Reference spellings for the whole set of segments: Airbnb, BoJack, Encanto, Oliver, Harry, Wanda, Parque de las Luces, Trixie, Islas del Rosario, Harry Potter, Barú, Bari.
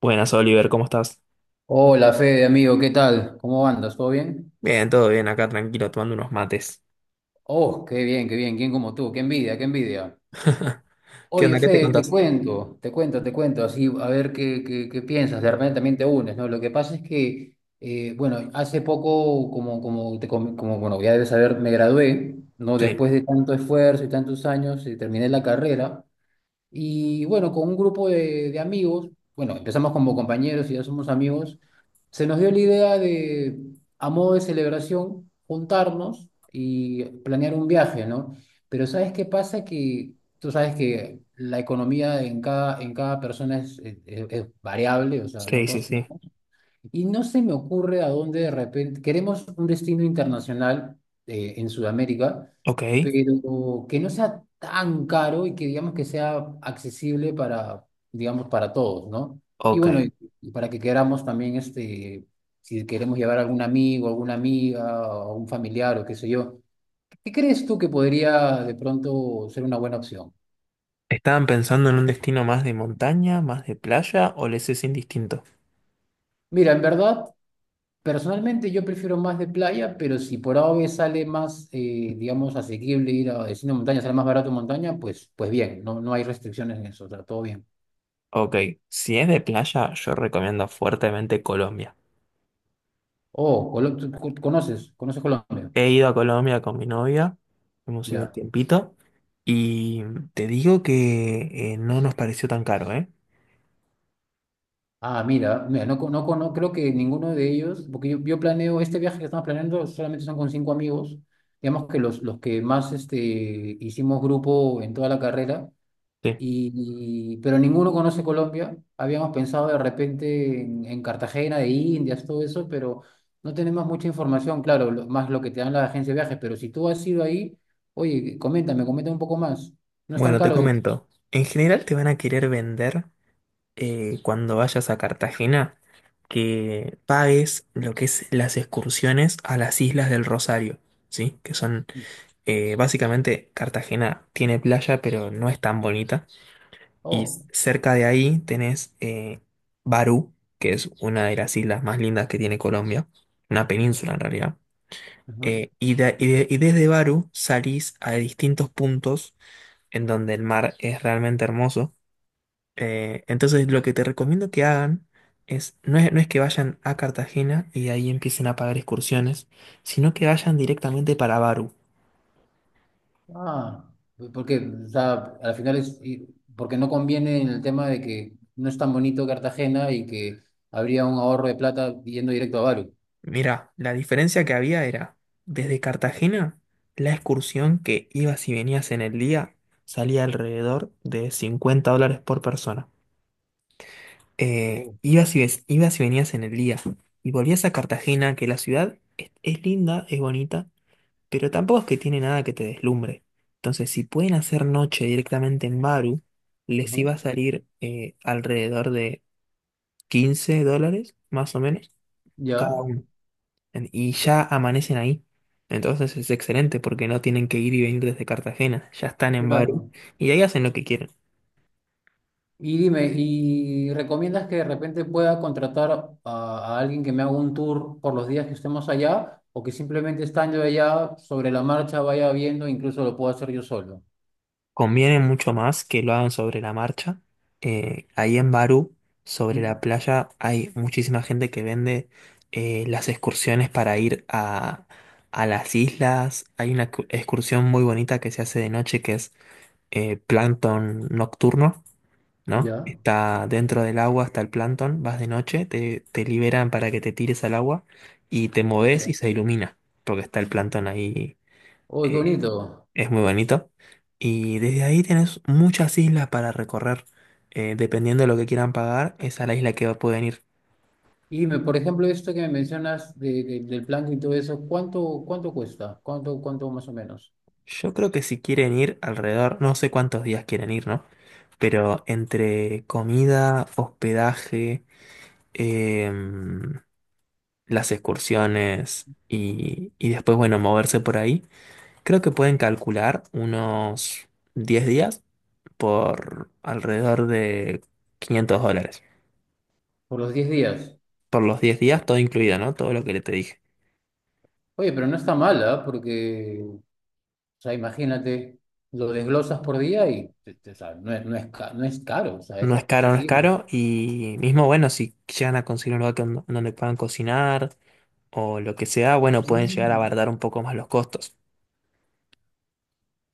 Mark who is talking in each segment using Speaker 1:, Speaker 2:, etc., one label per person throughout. Speaker 1: Buenas, Oliver, ¿cómo estás?
Speaker 2: Hola Fede, amigo, ¿qué tal? ¿Cómo andas? ¿Todo bien?
Speaker 1: Bien, todo bien, acá tranquilo, tomando unos mates.
Speaker 2: Oh, qué bien, ¿quién como tú? ¡Qué envidia, qué envidia!
Speaker 1: ¿Qué
Speaker 2: Oye
Speaker 1: onda? ¿Qué te
Speaker 2: Fede, te
Speaker 1: contás?
Speaker 2: cuento, te cuento, te cuento, así a ver qué piensas, de repente también te unes, ¿no? Lo que pasa es que, bueno, hace poco, como, bueno, ya debes saber, me gradué, ¿no?
Speaker 1: Sí.
Speaker 2: Después de tanto esfuerzo y tantos años, terminé la carrera. Y bueno, con un grupo de amigos, bueno, empezamos como compañeros y ya somos amigos, se nos dio la idea de, a modo de celebración, juntarnos y planear un viaje, ¿no? Pero ¿sabes qué pasa? Que tú sabes que la economía en cada persona es variable, o sea, no
Speaker 1: Sí, sí,
Speaker 2: todos...
Speaker 1: sí.
Speaker 2: Y no se me ocurre a dónde de repente, queremos un destino internacional en Sudamérica,
Speaker 1: Ok,
Speaker 2: pero que no sea tan caro y que digamos que sea accesible para, digamos, para todos, ¿no? Y
Speaker 1: ok.
Speaker 2: bueno, y para que queramos también, si queremos llevar a algún amigo, alguna amiga, o un familiar o qué sé yo, ¿qué crees tú que podría de pronto ser una buena opción?
Speaker 1: ¿Estaban pensando en un destino más de montaña, más de playa o les es indistinto?
Speaker 2: Mira, en verdad, personalmente yo prefiero más de playa, pero si por A o B sale más, digamos, asequible ir a destino de montaña, sale más barato montaña, pues bien, no, no hay restricciones en eso, o sea, todo bien.
Speaker 1: Ok, si es de playa, yo recomiendo fuertemente Colombia.
Speaker 2: Oh, ¿ conoces Colombia?
Speaker 1: He ido a Colombia con mi novia, hemos ido un
Speaker 2: Ya.
Speaker 1: tiempito, y te digo que no nos pareció tan caro, ¿eh?
Speaker 2: Ah, mira, mira, no, no, creo que ninguno de ellos, porque yo planeo, este viaje que estamos planeando solamente son con cinco amigos, digamos que los que más hicimos grupo en toda la carrera.
Speaker 1: Sí.
Speaker 2: Y, pero ninguno conoce Colombia. Habíamos pensado de repente en Cartagena de Indias, todo eso, pero no tenemos mucha información, claro, más lo que te dan las agencias de viajes. Pero si tú has ido ahí, oye, coméntame un poco más. No es tan
Speaker 1: Bueno, te
Speaker 2: caro, digo.
Speaker 1: comento. En general te van a querer vender cuando vayas a Cartagena que pagues lo que es las excursiones a las Islas del Rosario, ¿sí? Que son, básicamente, Cartagena tiene playa, pero no es tan bonita. Y
Speaker 2: Oh,
Speaker 1: cerca de ahí tenés Barú, que es una de las islas más lindas que tiene Colombia, una
Speaker 2: ya,
Speaker 1: península en realidad.
Speaker 2: ajá.
Speaker 1: Y, y desde Barú salís a distintos puntos en donde el mar es realmente hermoso. Entonces lo que te recomiendo que hagan es no es que vayan a Cartagena y de ahí empiecen a pagar excursiones, sino que vayan directamente para Baru.
Speaker 2: Ah, pues porque, o sea, al final porque no conviene en el tema de que no es tan bonito Cartagena y que habría un ahorro de plata yendo directo a Bari.
Speaker 1: Mira, la diferencia que había era, desde Cartagena, la excursión que ibas y venías en el día salía alrededor de $50 por persona.
Speaker 2: Oh,
Speaker 1: Ibas y venías en el día y volvías a Cartagena, que la ciudad es linda, es bonita, pero tampoco es que tiene nada que te deslumbre. Entonces, si pueden hacer noche directamente en Baru, les
Speaker 2: ajá.
Speaker 1: iba a salir alrededor de $15, más o menos, cada
Speaker 2: Ya,
Speaker 1: uno. Y ya amanecen ahí. Entonces es excelente porque no tienen que ir y venir desde Cartagena. Ya están en Baru
Speaker 2: claro.
Speaker 1: y ahí hacen lo que quieren.
Speaker 2: Y dime, ¿y recomiendas que de repente pueda contratar a alguien que me haga un tour por los días que estemos allá? ¿O que simplemente estando allá sobre la marcha vaya viendo, e incluso lo puedo hacer yo solo?
Speaker 1: Conviene mucho más que lo hagan sobre la marcha. Ahí en Barú, sobre la
Speaker 2: ¿Mm?
Speaker 1: playa, hay muchísima gente que vende las excursiones para ir a las islas. Hay una excursión muy bonita que se hace de noche que es plancton nocturno, ¿no?
Speaker 2: ¿Ya?
Speaker 1: Está dentro del agua, está el plancton, vas de noche, te liberan para que te tires al agua y te
Speaker 2: Ah,
Speaker 1: moves y
Speaker 2: mira.
Speaker 1: se ilumina, porque está el plancton ahí
Speaker 2: Uy, qué
Speaker 1: eh,
Speaker 2: bonito.
Speaker 1: es muy bonito. Y desde ahí tenés muchas islas para recorrer. Dependiendo de lo que quieran pagar, es a la isla que pueden ir.
Speaker 2: Y dime, por ejemplo, esto que me mencionas del plan y todo eso, ¿cuánto cuesta? ¿Cuánto más o menos?
Speaker 1: Yo creo que si quieren ir alrededor, no sé cuántos días quieren ir, ¿no? Pero entre comida, hospedaje, em, las excursiones y después, bueno, moverse por ahí, creo que pueden calcular unos 10 días por alrededor de 500 dólares.
Speaker 2: Por los 10 días.
Speaker 1: Por los 10 días, todo incluido, ¿no? Todo lo que le te dije.
Speaker 2: Oye, pero no está mal, ¿ah? Porque, o sea, imagínate, lo desglosas por día y o sea, no es, no es, no es caro, o sea, es
Speaker 1: No es caro, no es
Speaker 2: accesible.
Speaker 1: caro. Y mismo, bueno, si llegan a conseguir un lugar donde puedan cocinar o lo que sea, bueno, pueden llegar a
Speaker 2: Mm,
Speaker 1: abaratar un poco más los costos.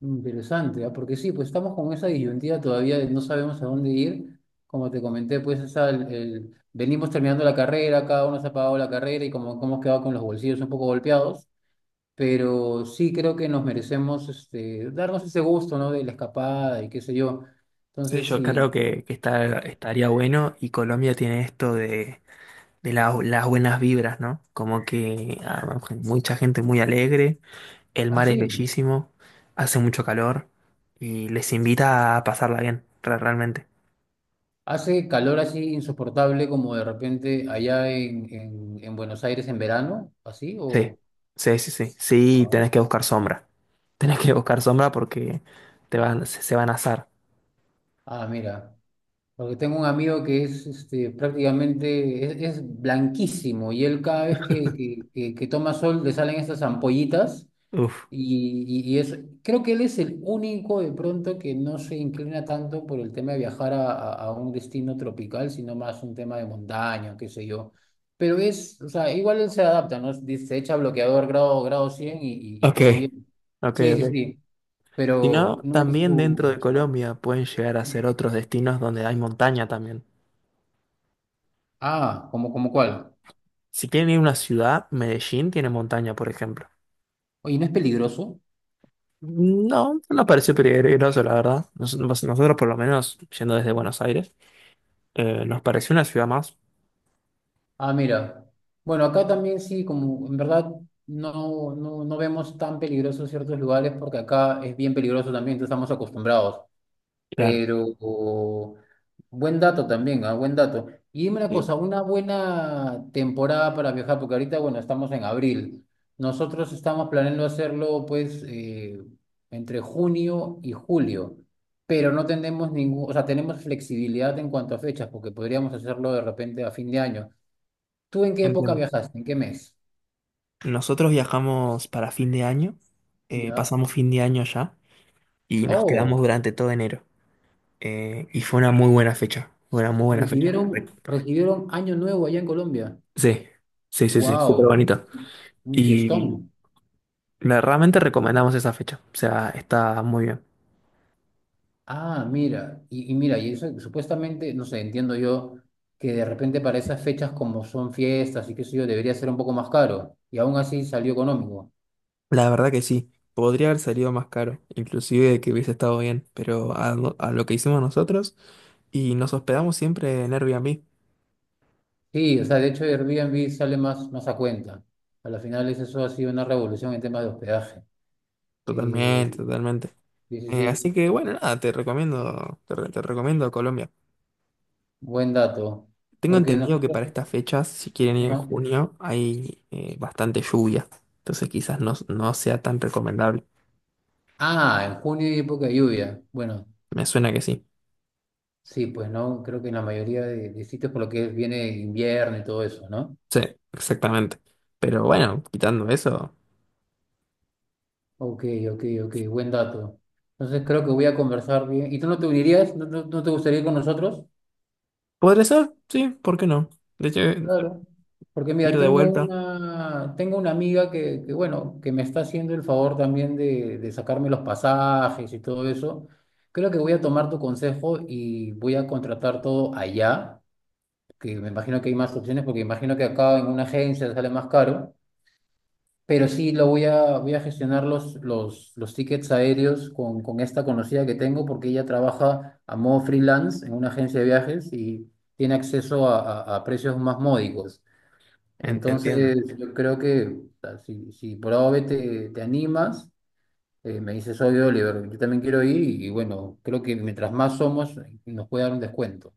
Speaker 2: interesante, ah, porque sí, pues estamos con esa disyuntiva todavía de no sabemos a dónde ir. Como te comenté, pues venimos terminando la carrera, cada uno se ha pagado la carrera y como hemos quedado con los bolsillos un poco golpeados. Pero sí creo que nos merecemos darnos ese gusto, ¿no? De la escapada y qué sé yo.
Speaker 1: Sí,
Speaker 2: Entonces,
Speaker 1: yo creo
Speaker 2: sí,
Speaker 1: que está, estaría bueno y Colombia tiene esto de, las buenas vibras, ¿no? Como que ah, mucha gente muy alegre, el mar es
Speaker 2: así.
Speaker 1: bellísimo, hace mucho calor y les invita a pasarla bien, realmente.
Speaker 2: Hace calor así insoportable como de repente allá en Buenos Aires en verano, así
Speaker 1: Sí,
Speaker 2: o...
Speaker 1: sí, sí, sí. Sí,
Speaker 2: Ah,
Speaker 1: tenés que buscar sombra. Tenés que buscar sombra porque se van a asar.
Speaker 2: ah, mira, porque tengo un amigo que es prácticamente, es blanquísimo y él cada vez que toma sol le salen estas ampollitas.
Speaker 1: Uf.
Speaker 2: Creo que él es el único de pronto que no se inclina tanto por el tema de viajar a un destino tropical, sino más un tema de montaña, qué sé yo. Pero o sea, igual él se adapta, ¿no? Dice, se echa bloqueador grado 100 y
Speaker 1: Ok,
Speaker 2: todo bien.
Speaker 1: ok,
Speaker 2: Sí, sí,
Speaker 1: ok.
Speaker 2: sí,
Speaker 1: Si
Speaker 2: pero
Speaker 1: no,
Speaker 2: no es
Speaker 1: también
Speaker 2: su...
Speaker 1: dentro de Colombia pueden llegar a ser
Speaker 2: no.
Speaker 1: otros destinos donde hay montaña también.
Speaker 2: Ah, ¿como cuál?
Speaker 1: Si quieren ir a una ciudad, Medellín tiene montaña, por ejemplo.
Speaker 2: Oye, ¿no es peligroso?
Speaker 1: No, no nos pareció peligroso, la verdad. Nosotros, por lo menos, yendo desde Buenos Aires, nos pareció una ciudad más.
Speaker 2: Ah, mira. Bueno, acá también sí, como en verdad no, no, no vemos tan peligrosos ciertos lugares porque acá es bien peligroso también, entonces estamos acostumbrados.
Speaker 1: Claro.
Speaker 2: Pero buen dato también, ah, buen dato. Y dime una
Speaker 1: Sí,
Speaker 2: cosa, una buena temporada para viajar, porque ahorita, bueno, estamos en abril. Nosotros estamos planeando hacerlo pues entre junio y julio, pero no tenemos ningún, o sea, tenemos flexibilidad en cuanto a fechas, porque podríamos hacerlo de repente a fin de año. ¿Tú en qué época
Speaker 1: entiendo.
Speaker 2: viajaste? ¿En qué mes?
Speaker 1: Nosotros viajamos para fin de año,
Speaker 2: ¿Ya?
Speaker 1: pasamos fin de año allá y nos quedamos
Speaker 2: Oh,
Speaker 1: durante todo enero. Y fue una muy buena fecha, fue una muy buena fecha. Re-
Speaker 2: recibieron Año Nuevo allá en Colombia.
Speaker 1: Sí, sí, sí, sí, súper
Speaker 2: ¡Wow!
Speaker 1: bonito.
Speaker 2: Un
Speaker 1: Y
Speaker 2: fiestón.
Speaker 1: realmente recomendamos esa fecha, o sea, está muy bien.
Speaker 2: Ah, mira, y mira, y eso supuestamente, no sé, entiendo yo que de repente para esas fechas como son fiestas y qué sé yo, debería ser un poco más caro y aún así salió económico.
Speaker 1: La verdad que sí, podría haber salido más caro, inclusive que hubiese estado bien, pero a lo que hicimos nosotros y nos hospedamos siempre en Airbnb,
Speaker 2: Sí, o sea, de hecho Airbnb sale más a cuenta. A la final eso ha sido una revolución en temas de hospedaje. Eh,
Speaker 1: totalmente, totalmente.
Speaker 2: sí, sí,
Speaker 1: Así
Speaker 2: sí,
Speaker 1: que bueno, nada, te recomiendo, te recomiendo Colombia.
Speaker 2: buen dato.
Speaker 1: Tengo
Speaker 2: Porque
Speaker 1: entendido que
Speaker 2: nosotros,
Speaker 1: para estas fechas, si quieren ir en
Speaker 2: ajá.
Speaker 1: junio, hay bastante lluvia. Entonces quizás no sea tan recomendable.
Speaker 2: Ah, en junio hay época de lluvia. Bueno,
Speaker 1: Me suena que sí.
Speaker 2: sí, pues no, creo que en la mayoría de sitios por lo que viene invierno y todo eso, ¿no?
Speaker 1: Sí, exactamente. Pero bueno, quitando eso,
Speaker 2: Ok, ok, ok, buen dato. Entonces creo que voy a conversar bien. ¿Y tú no te unirías? ¿No, no te gustaría ir con nosotros?
Speaker 1: podría ser, sí, ¿por qué no? De hecho,
Speaker 2: Claro. Porque mira,
Speaker 1: ir de
Speaker 2: tengo
Speaker 1: vuelta.
Speaker 2: una, tengo una amiga que, bueno, que me está haciendo el favor también de sacarme los pasajes y todo eso. Creo que voy a tomar tu consejo y voy a contratar todo allá que me imagino que hay más opciones, porque imagino que acá en una agencia sale más caro, pero sí lo voy a gestionar los tickets aéreos con esta conocida que tengo, porque ella trabaja a modo freelance en una agencia de viajes y tiene acceso a precios más módicos.
Speaker 1: En- entiendo,
Speaker 2: Entonces, yo creo que o sea, si por A o B te animas, me dices, oye, Oliver, yo también quiero ir y bueno, creo que mientras más somos, nos puede dar un descuento.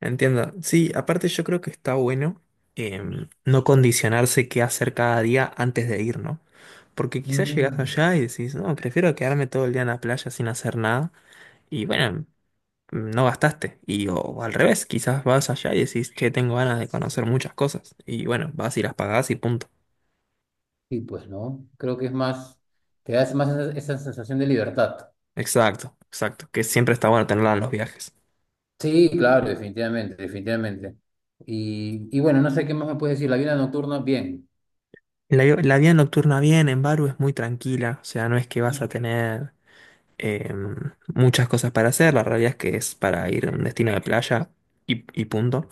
Speaker 1: Entiendo. Sí, aparte yo creo que está bueno no condicionarse qué hacer cada día antes de ir, ¿no? Porque quizás llegás
Speaker 2: Mm.
Speaker 1: allá y decís, no, prefiero quedarme todo el día en la playa sin hacer nada. Y bueno, no gastaste. Y o al revés, quizás vas allá y decís, che, tengo ganas de conocer muchas cosas. Y bueno, vas y las pagás y punto.
Speaker 2: Y pues no, creo que es más, te da más esa sensación de libertad.
Speaker 1: Exacto, exacto. Que siempre está bueno tenerla en los viajes.
Speaker 2: Sí, claro, definitivamente, definitivamente. Y bueno, no sé qué más me puedes decir. La vida nocturna, bien.
Speaker 1: La vida nocturna bien en Baru es muy tranquila, o sea, no es que vas a
Speaker 2: Ujú.
Speaker 1: tener eh, muchas cosas para hacer, la realidad es que es para ir a un destino de playa y punto.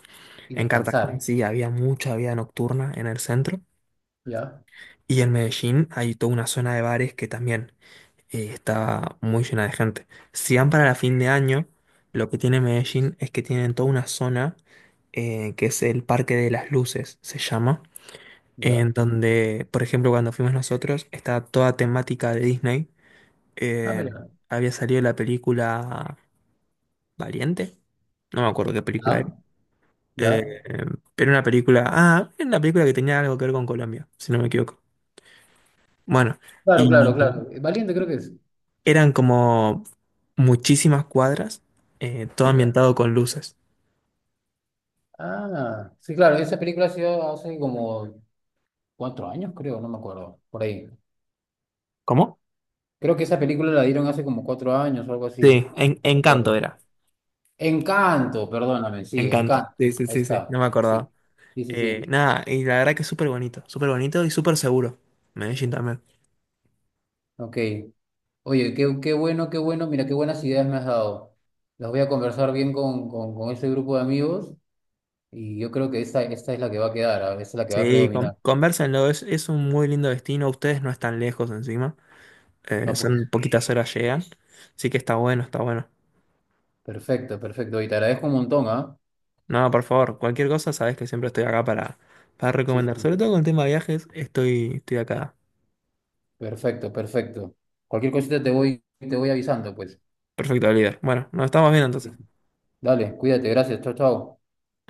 Speaker 2: Y
Speaker 1: En Cartagena
Speaker 2: descansar.
Speaker 1: sí había mucha vida nocturna en el centro
Speaker 2: Ya,
Speaker 1: y en Medellín hay toda una zona de bares que también y estaba muy llena de gente. Si van para la fin de año, lo que tiene Medellín es que tienen toda una zona que es el Parque de las Luces, se llama,
Speaker 2: ya.
Speaker 1: en donde, por ejemplo, cuando fuimos nosotros, estaba toda temática de Disney.
Speaker 2: Ah,
Speaker 1: Eh,
Speaker 2: mira.
Speaker 1: había salido la película Valiente, no me acuerdo qué película era.
Speaker 2: Ya, ya.
Speaker 1: Eh, pero una película, ah, era una película que tenía algo que ver con Colombia, si no me equivoco. Bueno,
Speaker 2: Claro,
Speaker 1: y
Speaker 2: claro, claro. Valiente creo que es.
Speaker 1: eran como muchísimas cuadras, todo
Speaker 2: Ya.
Speaker 1: ambientado con luces.
Speaker 2: Ah, sí, claro. Esa película ha sido hace como 4 años, creo, no me acuerdo. Por ahí.
Speaker 1: ¿Cómo?
Speaker 2: Creo que esa película la dieron hace como 4 años o algo
Speaker 1: Sí,
Speaker 2: así. Sí,
Speaker 1: en,
Speaker 2: no me acuerdo.
Speaker 1: Encanto era.
Speaker 2: Encanto, perdóname, sí,
Speaker 1: Encanto.
Speaker 2: Encanto.
Speaker 1: Sí, sí,
Speaker 2: Ahí
Speaker 1: sí, sí.
Speaker 2: está.
Speaker 1: No me
Speaker 2: Sí,
Speaker 1: acordaba.
Speaker 2: sí, sí, sí.
Speaker 1: Nada, y la verdad que es súper bonito. Súper bonito y súper seguro. Medellín también.
Speaker 2: Ok. Oye, qué bueno, qué bueno. Mira, qué buenas ideas me has dado. Las voy a conversar bien con ese grupo de amigos y yo creo que esta es la que va a quedar, ah, esta es la que va a
Speaker 1: Sí, con,
Speaker 2: predominar.
Speaker 1: convérsenlo. Es un muy lindo destino. Ustedes no están lejos encima.
Speaker 2: No, pues.
Speaker 1: Son poquitas horas llegan. Así que está bueno, está bueno.
Speaker 2: Perfecto, perfecto. Y te agradezco un montón, ¿ah?
Speaker 1: No, por favor, cualquier cosa, sabes que siempre estoy acá para
Speaker 2: Sí, sí,
Speaker 1: recomendar.
Speaker 2: sí.
Speaker 1: Sobre todo con el tema de viajes, estoy, estoy acá.
Speaker 2: Perfecto, perfecto. Cualquier cosita te voy avisando, pues.
Speaker 1: Perfecto, líder. Bueno, nos estamos viendo entonces.
Speaker 2: Dale, cuídate, gracias. Chao, chao.